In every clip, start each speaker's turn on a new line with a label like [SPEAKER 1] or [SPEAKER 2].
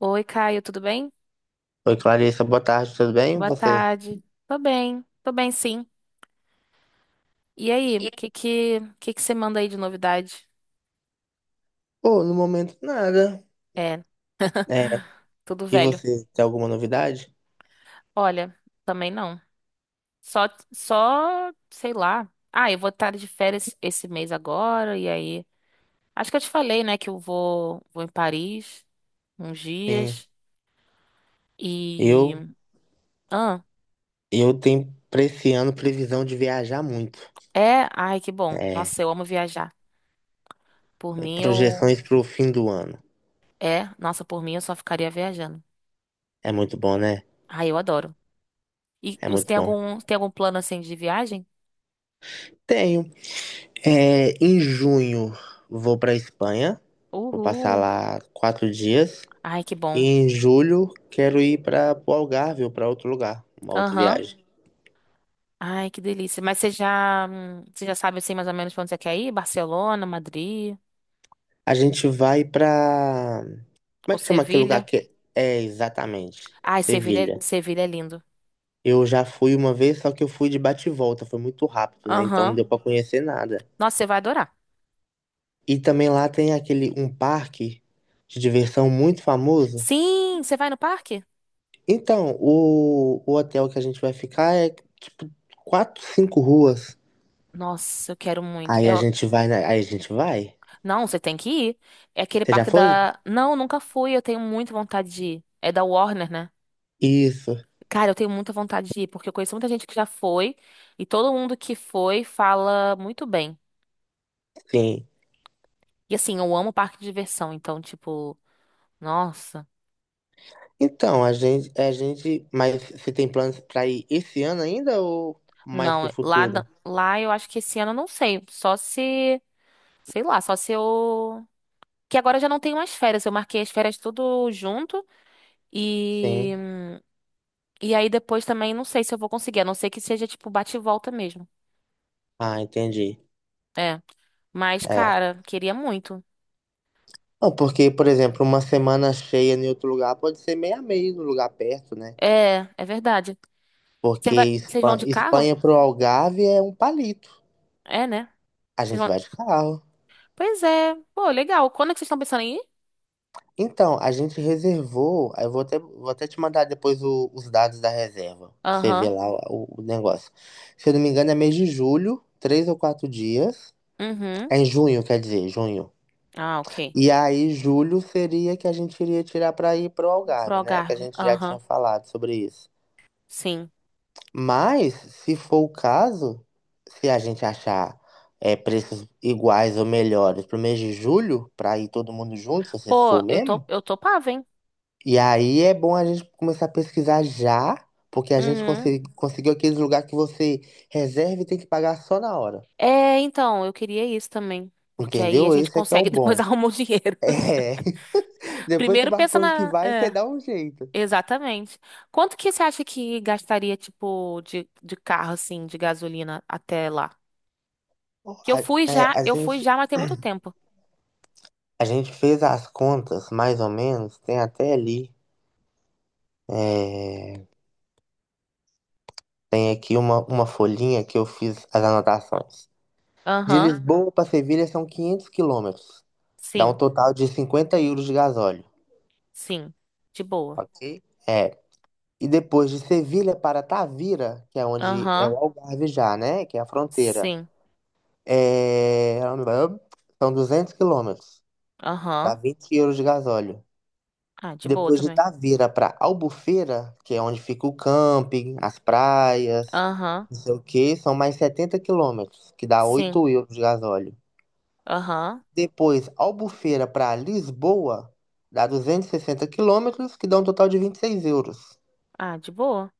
[SPEAKER 1] Oi, Caio, tudo bem?
[SPEAKER 2] Oi, Clarissa, boa tarde, tudo bem? E
[SPEAKER 1] Boa
[SPEAKER 2] você?
[SPEAKER 1] tarde. Tô bem sim. E aí, o
[SPEAKER 2] E-
[SPEAKER 1] que que, que que você manda aí de novidade?
[SPEAKER 2] Pô, no momento nada.
[SPEAKER 1] É,
[SPEAKER 2] É,
[SPEAKER 1] tudo
[SPEAKER 2] e
[SPEAKER 1] velho.
[SPEAKER 2] você, tem alguma novidade?
[SPEAKER 1] Olha, também não. Só, só, sei lá. Eu vou estar de férias esse mês agora, e aí. Acho que eu te falei, né, que eu vou em Paris uns
[SPEAKER 2] Sim,
[SPEAKER 1] dias. E.
[SPEAKER 2] eu,
[SPEAKER 1] Ah,
[SPEAKER 2] eu tenho pra esse ano previsão de viajar muito.
[SPEAKER 1] é? Ai, que bom.
[SPEAKER 2] É,
[SPEAKER 1] Nossa, eu amo viajar. Por mim, eu.
[SPEAKER 2] projeções pro fim do ano.
[SPEAKER 1] É, nossa, por mim eu só ficaria viajando.
[SPEAKER 2] É muito bom, né?
[SPEAKER 1] Ai, eu adoro. E
[SPEAKER 2] É
[SPEAKER 1] você
[SPEAKER 2] muito
[SPEAKER 1] tem
[SPEAKER 2] bom.
[SPEAKER 1] algum, tem algum plano assim de viagem?
[SPEAKER 2] Tenho. É, em junho vou pra Espanha, vou passar
[SPEAKER 1] Uhul.
[SPEAKER 2] lá 4 dias.
[SPEAKER 1] Ai, que
[SPEAKER 2] E
[SPEAKER 1] bom.
[SPEAKER 2] em julho quero ir para o Algarve ou pra outro lugar, uma outra
[SPEAKER 1] Aham.
[SPEAKER 2] viagem.
[SPEAKER 1] Ai, que delícia. Mas você já sabe assim mais ou menos pra onde você quer ir? Barcelona, Madrid
[SPEAKER 2] A gente vai pra. Como é
[SPEAKER 1] ou
[SPEAKER 2] que chama aquele lugar
[SPEAKER 1] Sevilha?
[SPEAKER 2] que é? É, exatamente.
[SPEAKER 1] Ai, Sevilha,
[SPEAKER 2] Sevilha?
[SPEAKER 1] Sevilha é lindo.
[SPEAKER 2] Eu já fui uma vez, só que eu fui de bate e volta, foi muito rápido, né? Então não
[SPEAKER 1] Aham.
[SPEAKER 2] deu pra conhecer nada.
[SPEAKER 1] Nossa, você vai adorar.
[SPEAKER 2] E também lá tem aquele um parque de diversão muito famoso.
[SPEAKER 1] Sim, você vai no parque?
[SPEAKER 2] Então, o hotel que a gente vai ficar é tipo quatro, cinco ruas.
[SPEAKER 1] Nossa, eu quero muito. Eu...
[SPEAKER 2] Aí a gente vai.
[SPEAKER 1] Não, você tem que ir. É aquele
[SPEAKER 2] Você já
[SPEAKER 1] parque
[SPEAKER 2] foi?
[SPEAKER 1] da. Não, nunca fui. Eu tenho muita vontade de ir. É da Warner, né?
[SPEAKER 2] Isso,
[SPEAKER 1] Cara, eu tenho muita vontade de ir, porque eu conheço muita gente que já foi e todo mundo que foi fala muito bem.
[SPEAKER 2] sim.
[SPEAKER 1] E assim, eu amo parque de diversão, então, tipo, nossa.
[SPEAKER 2] Então, mas você tem planos pra ir esse ano ainda ou mais pro
[SPEAKER 1] Não, lá,
[SPEAKER 2] futuro?
[SPEAKER 1] lá eu acho que esse ano eu não sei. Só se, sei lá, só se eu. Que agora eu já não tenho mais férias. Eu marquei as férias tudo junto e.
[SPEAKER 2] Sim.
[SPEAKER 1] E aí depois também não sei se eu vou conseguir, a não ser que seja, tipo, bate e volta mesmo.
[SPEAKER 2] Ah, entendi.
[SPEAKER 1] É. Mas,
[SPEAKER 2] É.
[SPEAKER 1] cara, queria muito.
[SPEAKER 2] Não, porque, por exemplo, uma semana cheia em outro lugar pode ser meio a meio no lugar perto, né?
[SPEAKER 1] É, é verdade. Você
[SPEAKER 2] Porque
[SPEAKER 1] vai... Vocês vão de carro?
[SPEAKER 2] Espanha pro Algarve é um palito.
[SPEAKER 1] É, né?
[SPEAKER 2] A gente vai de carro.
[SPEAKER 1] Pois é. Pô, legal. Quando é que vocês estão pensando em ir?
[SPEAKER 2] Então, a gente reservou. Aí, eu vou até te mandar depois os dados da reserva, pra você
[SPEAKER 1] Aham.
[SPEAKER 2] ver lá o negócio. Se eu não me engano, é mês de julho, três ou quatro dias.
[SPEAKER 1] Uhum.
[SPEAKER 2] É em junho, quer dizer, junho.
[SPEAKER 1] Ah, ok.
[SPEAKER 2] E aí, julho seria que a gente iria tirar pra ir pro
[SPEAKER 1] Pro
[SPEAKER 2] Algarve, né? Que a
[SPEAKER 1] Algarve.
[SPEAKER 2] gente já
[SPEAKER 1] Aham.
[SPEAKER 2] tinha falado sobre isso.
[SPEAKER 1] Sim.
[SPEAKER 2] Mas, se for o caso, se a gente achar preços iguais ou melhores pro mês de julho, para ir todo mundo junto, se vocês
[SPEAKER 1] Pô,
[SPEAKER 2] for mesmo,
[SPEAKER 1] eu topava, hein?
[SPEAKER 2] e aí é bom a gente começar a pesquisar já, porque a gente
[SPEAKER 1] Uhum.
[SPEAKER 2] conseguiu aqueles lugares que você reserva e tem que pagar só na hora.
[SPEAKER 1] É, então, eu queria isso também. Porque aí a
[SPEAKER 2] Entendeu?
[SPEAKER 1] gente
[SPEAKER 2] Esse é que é o
[SPEAKER 1] consegue depois
[SPEAKER 2] bom.
[SPEAKER 1] arrumar o dinheiro.
[SPEAKER 2] É, depois que o
[SPEAKER 1] Primeiro pensa
[SPEAKER 2] barco que
[SPEAKER 1] na.
[SPEAKER 2] vai, você
[SPEAKER 1] É,
[SPEAKER 2] dá um jeito.
[SPEAKER 1] exatamente. Quanto que você acha que gastaria, tipo, de carro, assim, de gasolina até lá? Que
[SPEAKER 2] A, é, a
[SPEAKER 1] eu fui
[SPEAKER 2] gente,
[SPEAKER 1] já, mas tem muito tempo.
[SPEAKER 2] a gente fez as contas, mais ou menos, tem até ali. é, Tem aqui uma folhinha que eu fiz as anotações. De
[SPEAKER 1] Aham.
[SPEAKER 2] Lisboa para Sevilha são 500 quilômetros. Dá um
[SPEAKER 1] Sim,
[SPEAKER 2] total de 50 € de gasóleo,
[SPEAKER 1] sim. De boa.
[SPEAKER 2] ok? É. E depois de Sevilha para Tavira, que é onde é
[SPEAKER 1] Aham.
[SPEAKER 2] o Algarve já, né? Que é a fronteira.
[SPEAKER 1] Sim.
[SPEAKER 2] É... São 200 quilômetros. Dá
[SPEAKER 1] Aham.
[SPEAKER 2] 20 € de gasóleo.
[SPEAKER 1] Ah, de boa
[SPEAKER 2] Depois de
[SPEAKER 1] também.
[SPEAKER 2] Itaveira para Albufeira, que é onde fica o camping, as praias,
[SPEAKER 1] Aham.
[SPEAKER 2] não sei o que, são mais 70 quilômetros, que dá
[SPEAKER 1] Sim.
[SPEAKER 2] 8 euros de gasóleo.
[SPEAKER 1] Aham.
[SPEAKER 2] Depois, Albufeira para Lisboa, dá 260 quilômetros, que dá um total de 26 euros.
[SPEAKER 1] Ah, de boa.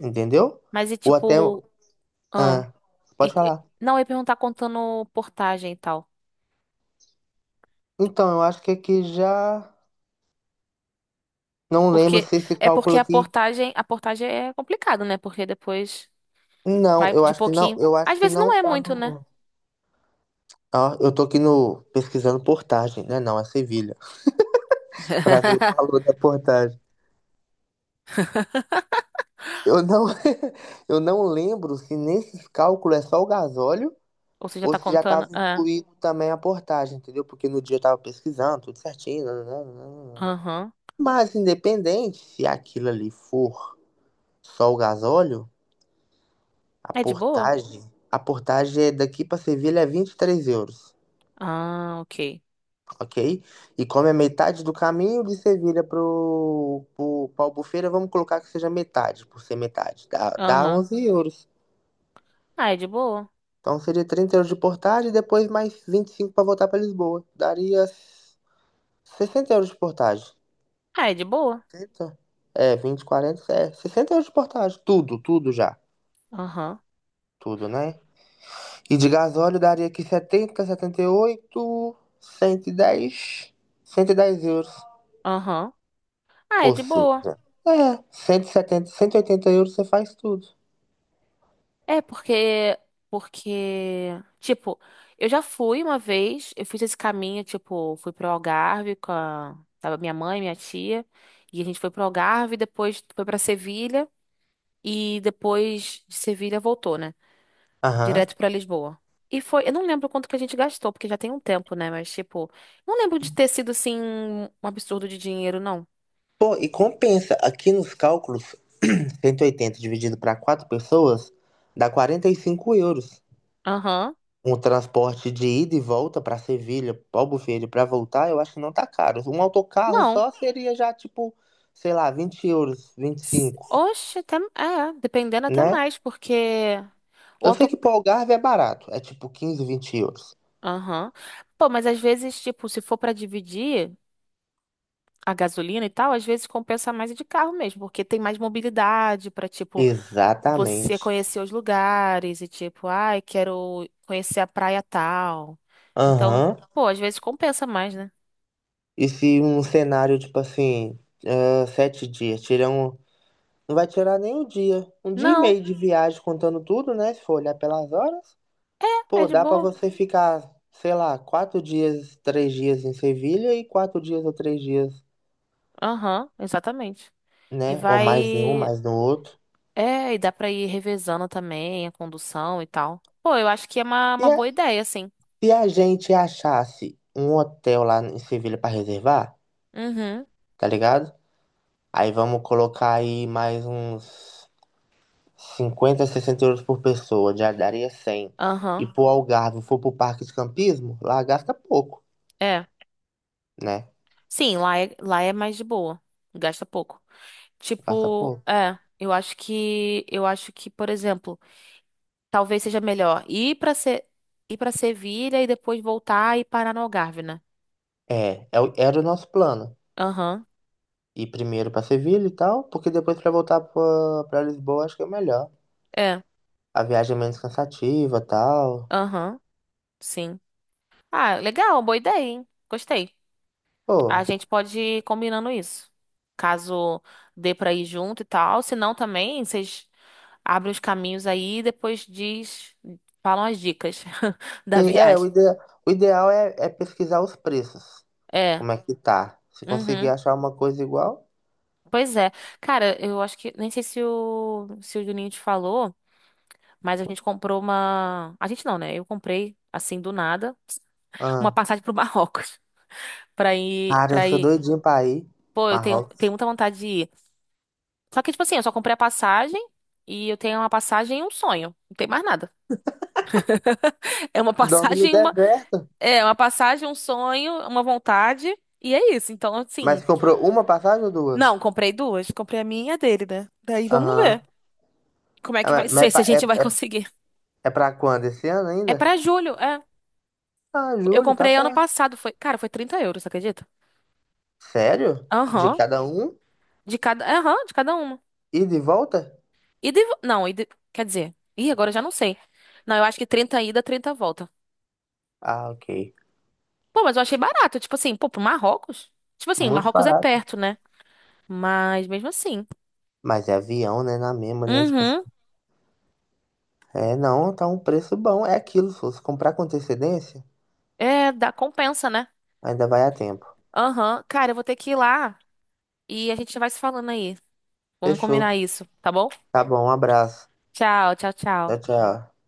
[SPEAKER 2] Entendeu?
[SPEAKER 1] Mas e
[SPEAKER 2] Ou até.
[SPEAKER 1] tipo. Ah,
[SPEAKER 2] Ah,
[SPEAKER 1] e,
[SPEAKER 2] pode
[SPEAKER 1] e-
[SPEAKER 2] falar.
[SPEAKER 1] não, eu ia perguntar contando portagem e tal.
[SPEAKER 2] Então, eu acho que aqui já. Não lembro
[SPEAKER 1] Porque.
[SPEAKER 2] se esse
[SPEAKER 1] É porque
[SPEAKER 2] cálculo
[SPEAKER 1] a
[SPEAKER 2] aqui.
[SPEAKER 1] portagem. A portagem é complicado, né? Porque depois
[SPEAKER 2] Não,
[SPEAKER 1] vai
[SPEAKER 2] eu
[SPEAKER 1] de
[SPEAKER 2] acho que não.
[SPEAKER 1] pouquinho.
[SPEAKER 2] Eu acho
[SPEAKER 1] Às
[SPEAKER 2] que
[SPEAKER 1] vezes não
[SPEAKER 2] não
[SPEAKER 1] é
[SPEAKER 2] tá
[SPEAKER 1] muito, né?
[SPEAKER 2] no. Ó, eu tô aqui no. Pesquisando portagem, né? Não, é Sevilha, para ver o valor da portagem. Eu não, eu não lembro se nesse cálculo é só o gasóleo
[SPEAKER 1] Ou você já
[SPEAKER 2] ou
[SPEAKER 1] tá
[SPEAKER 2] se já
[SPEAKER 1] contando.
[SPEAKER 2] estava
[SPEAKER 1] É.
[SPEAKER 2] incluído também a portagem, entendeu? Porque no dia eu estava pesquisando, tudo certinho. Nananana.
[SPEAKER 1] Aham.
[SPEAKER 2] Mas independente se aquilo ali for só o gasóleo, a
[SPEAKER 1] É de boa?
[SPEAKER 2] portagem, a portagem é daqui para Sevilha é 23 euros,
[SPEAKER 1] Ah, ok.
[SPEAKER 2] ok? E como é metade do caminho de Sevilha para o Albufeira, vamos colocar que seja metade, por ser metade, dá
[SPEAKER 1] Aham.
[SPEAKER 2] 11 euros.
[SPEAKER 1] Ah, é de boa?
[SPEAKER 2] Então seria 30 euros de portagem e depois mais 25 para voltar para Lisboa. Daria 60 euros de portagem.
[SPEAKER 1] Ah, é de boa?
[SPEAKER 2] 60? É, 20, 40, é, 60 € de portagem. Tudo, tudo já.
[SPEAKER 1] Aham.
[SPEAKER 2] Tudo, né? E de gasóleo daria aqui setenta, setenta e oito, 110 euros.
[SPEAKER 1] Aham. Ah, é
[SPEAKER 2] Ou
[SPEAKER 1] de boa.
[SPEAKER 2] seja, cento e setenta, 180 euros você faz tudo.
[SPEAKER 1] É, porque, tipo, eu já fui uma vez, eu fiz esse caminho, tipo, fui pro Algarve com a, tava minha mãe, minha tia, e a gente foi pro Algarve, depois foi pra Sevilha, e depois de Sevilha voltou, né?
[SPEAKER 2] Aham.
[SPEAKER 1] Direto pra Lisboa. E foi, eu não lembro quanto que a gente gastou, porque já tem um tempo, né? Mas, tipo, não lembro de ter sido, assim, um absurdo de dinheiro, não.
[SPEAKER 2] Pô, e compensa. Aqui nos cálculos, 180 dividido para quatro pessoas dá 45 euros.
[SPEAKER 1] Aham.
[SPEAKER 2] Um transporte de ida e volta para Sevilha, Albufeira, para voltar, eu acho que não tá caro. Um autocarro
[SPEAKER 1] Não.
[SPEAKER 2] só seria já tipo, sei lá, 20 euros, vinte e cinco,
[SPEAKER 1] Oxe, até, é, dependendo até
[SPEAKER 2] né?
[SPEAKER 1] mais, porque... O.
[SPEAKER 2] Eu sei que pro Algarve é barato, é tipo 15, 20 euros.
[SPEAKER 1] Aham. Pô, mas às vezes, tipo, se for pra dividir a gasolina e tal, às vezes compensa mais ir de carro mesmo, porque tem mais mobilidade pra, tipo, você
[SPEAKER 2] Exatamente.
[SPEAKER 1] conhecer os lugares e, tipo, ai, quero conhecer a praia tal. Então,
[SPEAKER 2] Aham.
[SPEAKER 1] pô, às vezes compensa mais, né?
[SPEAKER 2] E se um cenário, tipo assim, sete dias, tirar um. Não vai tirar nem um dia. Um dia e
[SPEAKER 1] Não,
[SPEAKER 2] meio de viagem contando tudo, né? Se for olhar pelas horas.
[SPEAKER 1] é
[SPEAKER 2] Pô,
[SPEAKER 1] de
[SPEAKER 2] dá pra
[SPEAKER 1] boa.
[SPEAKER 2] você ficar, sei lá, quatro dias, três dias em Sevilha e quatro dias ou três dias,
[SPEAKER 1] Aham, exatamente. E
[SPEAKER 2] né? Ou mais em um,
[SPEAKER 1] vai.
[SPEAKER 2] mais no outro.
[SPEAKER 1] É, e dá pra ir revezando também a condução e tal. Pô, eu acho que é uma
[SPEAKER 2] Se a,
[SPEAKER 1] boa ideia, assim.
[SPEAKER 2] se a gente achasse um hotel lá em Sevilha pra reservar,
[SPEAKER 1] Uhum,
[SPEAKER 2] tá ligado? Aí vamos colocar aí mais uns 50 60 euros por pessoa, já daria 100. E
[SPEAKER 1] aham.
[SPEAKER 2] pro Algarve, for pro parque de campismo, lá gasta pouco,
[SPEAKER 1] É.
[SPEAKER 2] né?
[SPEAKER 1] Sim, lá é mais de boa. Gasta pouco.
[SPEAKER 2] Gasta
[SPEAKER 1] Tipo,
[SPEAKER 2] pouco.
[SPEAKER 1] é, eu acho que, por exemplo, talvez seja melhor ir pra Se, ir para Sevilha e depois voltar e parar no Algarve, né?
[SPEAKER 2] É, era o nosso plano.
[SPEAKER 1] Aham.
[SPEAKER 2] Ir primeiro para Sevilha e tal, porque depois para voltar para Lisboa acho que é melhor.
[SPEAKER 1] É.
[SPEAKER 2] A viagem é menos cansativa e tal.
[SPEAKER 1] Aham. Sim. Ah, legal, boa ideia, hein? Gostei. A
[SPEAKER 2] Pô,
[SPEAKER 1] gente pode ir combinando isso. Caso dê pra ir junto e tal, se não também, vocês abrem os caminhos aí e depois diz, falam as dicas da
[SPEAKER 2] sim,
[SPEAKER 1] viagem.
[SPEAKER 2] o ideal é pesquisar os preços,
[SPEAKER 1] É.
[SPEAKER 2] como é que tá. Se conseguir
[SPEAKER 1] Uhum.
[SPEAKER 2] achar uma coisa igual.
[SPEAKER 1] Pois é. Cara, eu acho que. Nem sei se o Juninho te falou, mas a gente comprou uma. A gente não, né? Eu comprei, assim, do nada, uma
[SPEAKER 2] Ah,
[SPEAKER 1] passagem pro Marrocos. Pra ir.
[SPEAKER 2] cara, eu
[SPEAKER 1] Pra
[SPEAKER 2] sou
[SPEAKER 1] ir.
[SPEAKER 2] doidinho pra ir.
[SPEAKER 1] Pô, tenho
[SPEAKER 2] Marrocos.
[SPEAKER 1] muita vontade de ir. Só que, tipo assim, eu só comprei a passagem e eu tenho uma passagem e um sonho. Não tem mais nada. É uma
[SPEAKER 2] Dorme no
[SPEAKER 1] passagem, uma.
[SPEAKER 2] deserto.
[SPEAKER 1] É, uma passagem, um sonho, uma vontade. E é isso. Então, assim.
[SPEAKER 2] Mas comprou uma passagem ou duas?
[SPEAKER 1] Não, comprei duas. Comprei a minha e a dele, né? Daí vamos
[SPEAKER 2] Aham.
[SPEAKER 1] ver como é
[SPEAKER 2] Ah,
[SPEAKER 1] que vai
[SPEAKER 2] mas
[SPEAKER 1] ser, se a gente vai
[SPEAKER 2] é,
[SPEAKER 1] conseguir.
[SPEAKER 2] é pra quando? Esse ano
[SPEAKER 1] É
[SPEAKER 2] ainda?
[SPEAKER 1] pra julho, é.
[SPEAKER 2] Ah,
[SPEAKER 1] Eu
[SPEAKER 2] julho, tá
[SPEAKER 1] comprei ano
[SPEAKER 2] perto.
[SPEAKER 1] passado, foi, cara, foi 30 euros, você acredita?
[SPEAKER 2] Sério? De
[SPEAKER 1] Aham,
[SPEAKER 2] cada um?
[SPEAKER 1] aham, de cada uma.
[SPEAKER 2] E de volta?
[SPEAKER 1] E de, não, e de, quer dizer, ih, agora eu já não sei. Não, eu acho que 30 ida, 30 volta.
[SPEAKER 2] Ah, ok.
[SPEAKER 1] Pô, mas eu achei barato, tipo assim, pô, pro Marrocos? Tipo assim, o
[SPEAKER 2] Muito
[SPEAKER 1] Marrocos é
[SPEAKER 2] barato.
[SPEAKER 1] perto, né? Mas mesmo assim.
[SPEAKER 2] Mas é avião, né? Na mesma, né? Tipo assim.
[SPEAKER 1] Uhum.
[SPEAKER 2] É, não, tá um preço bom. É aquilo. Se você comprar com antecedência,
[SPEAKER 1] É, dá compensa, né?
[SPEAKER 2] ainda vai a tempo.
[SPEAKER 1] Aham. Cara, eu vou ter que ir lá e a gente vai se falando aí. Vamos combinar
[SPEAKER 2] Fechou.
[SPEAKER 1] isso, tá bom?
[SPEAKER 2] Tá bom, um abraço.
[SPEAKER 1] Tchau, tchau,
[SPEAKER 2] Tchau,
[SPEAKER 1] tchau.
[SPEAKER 2] tchau.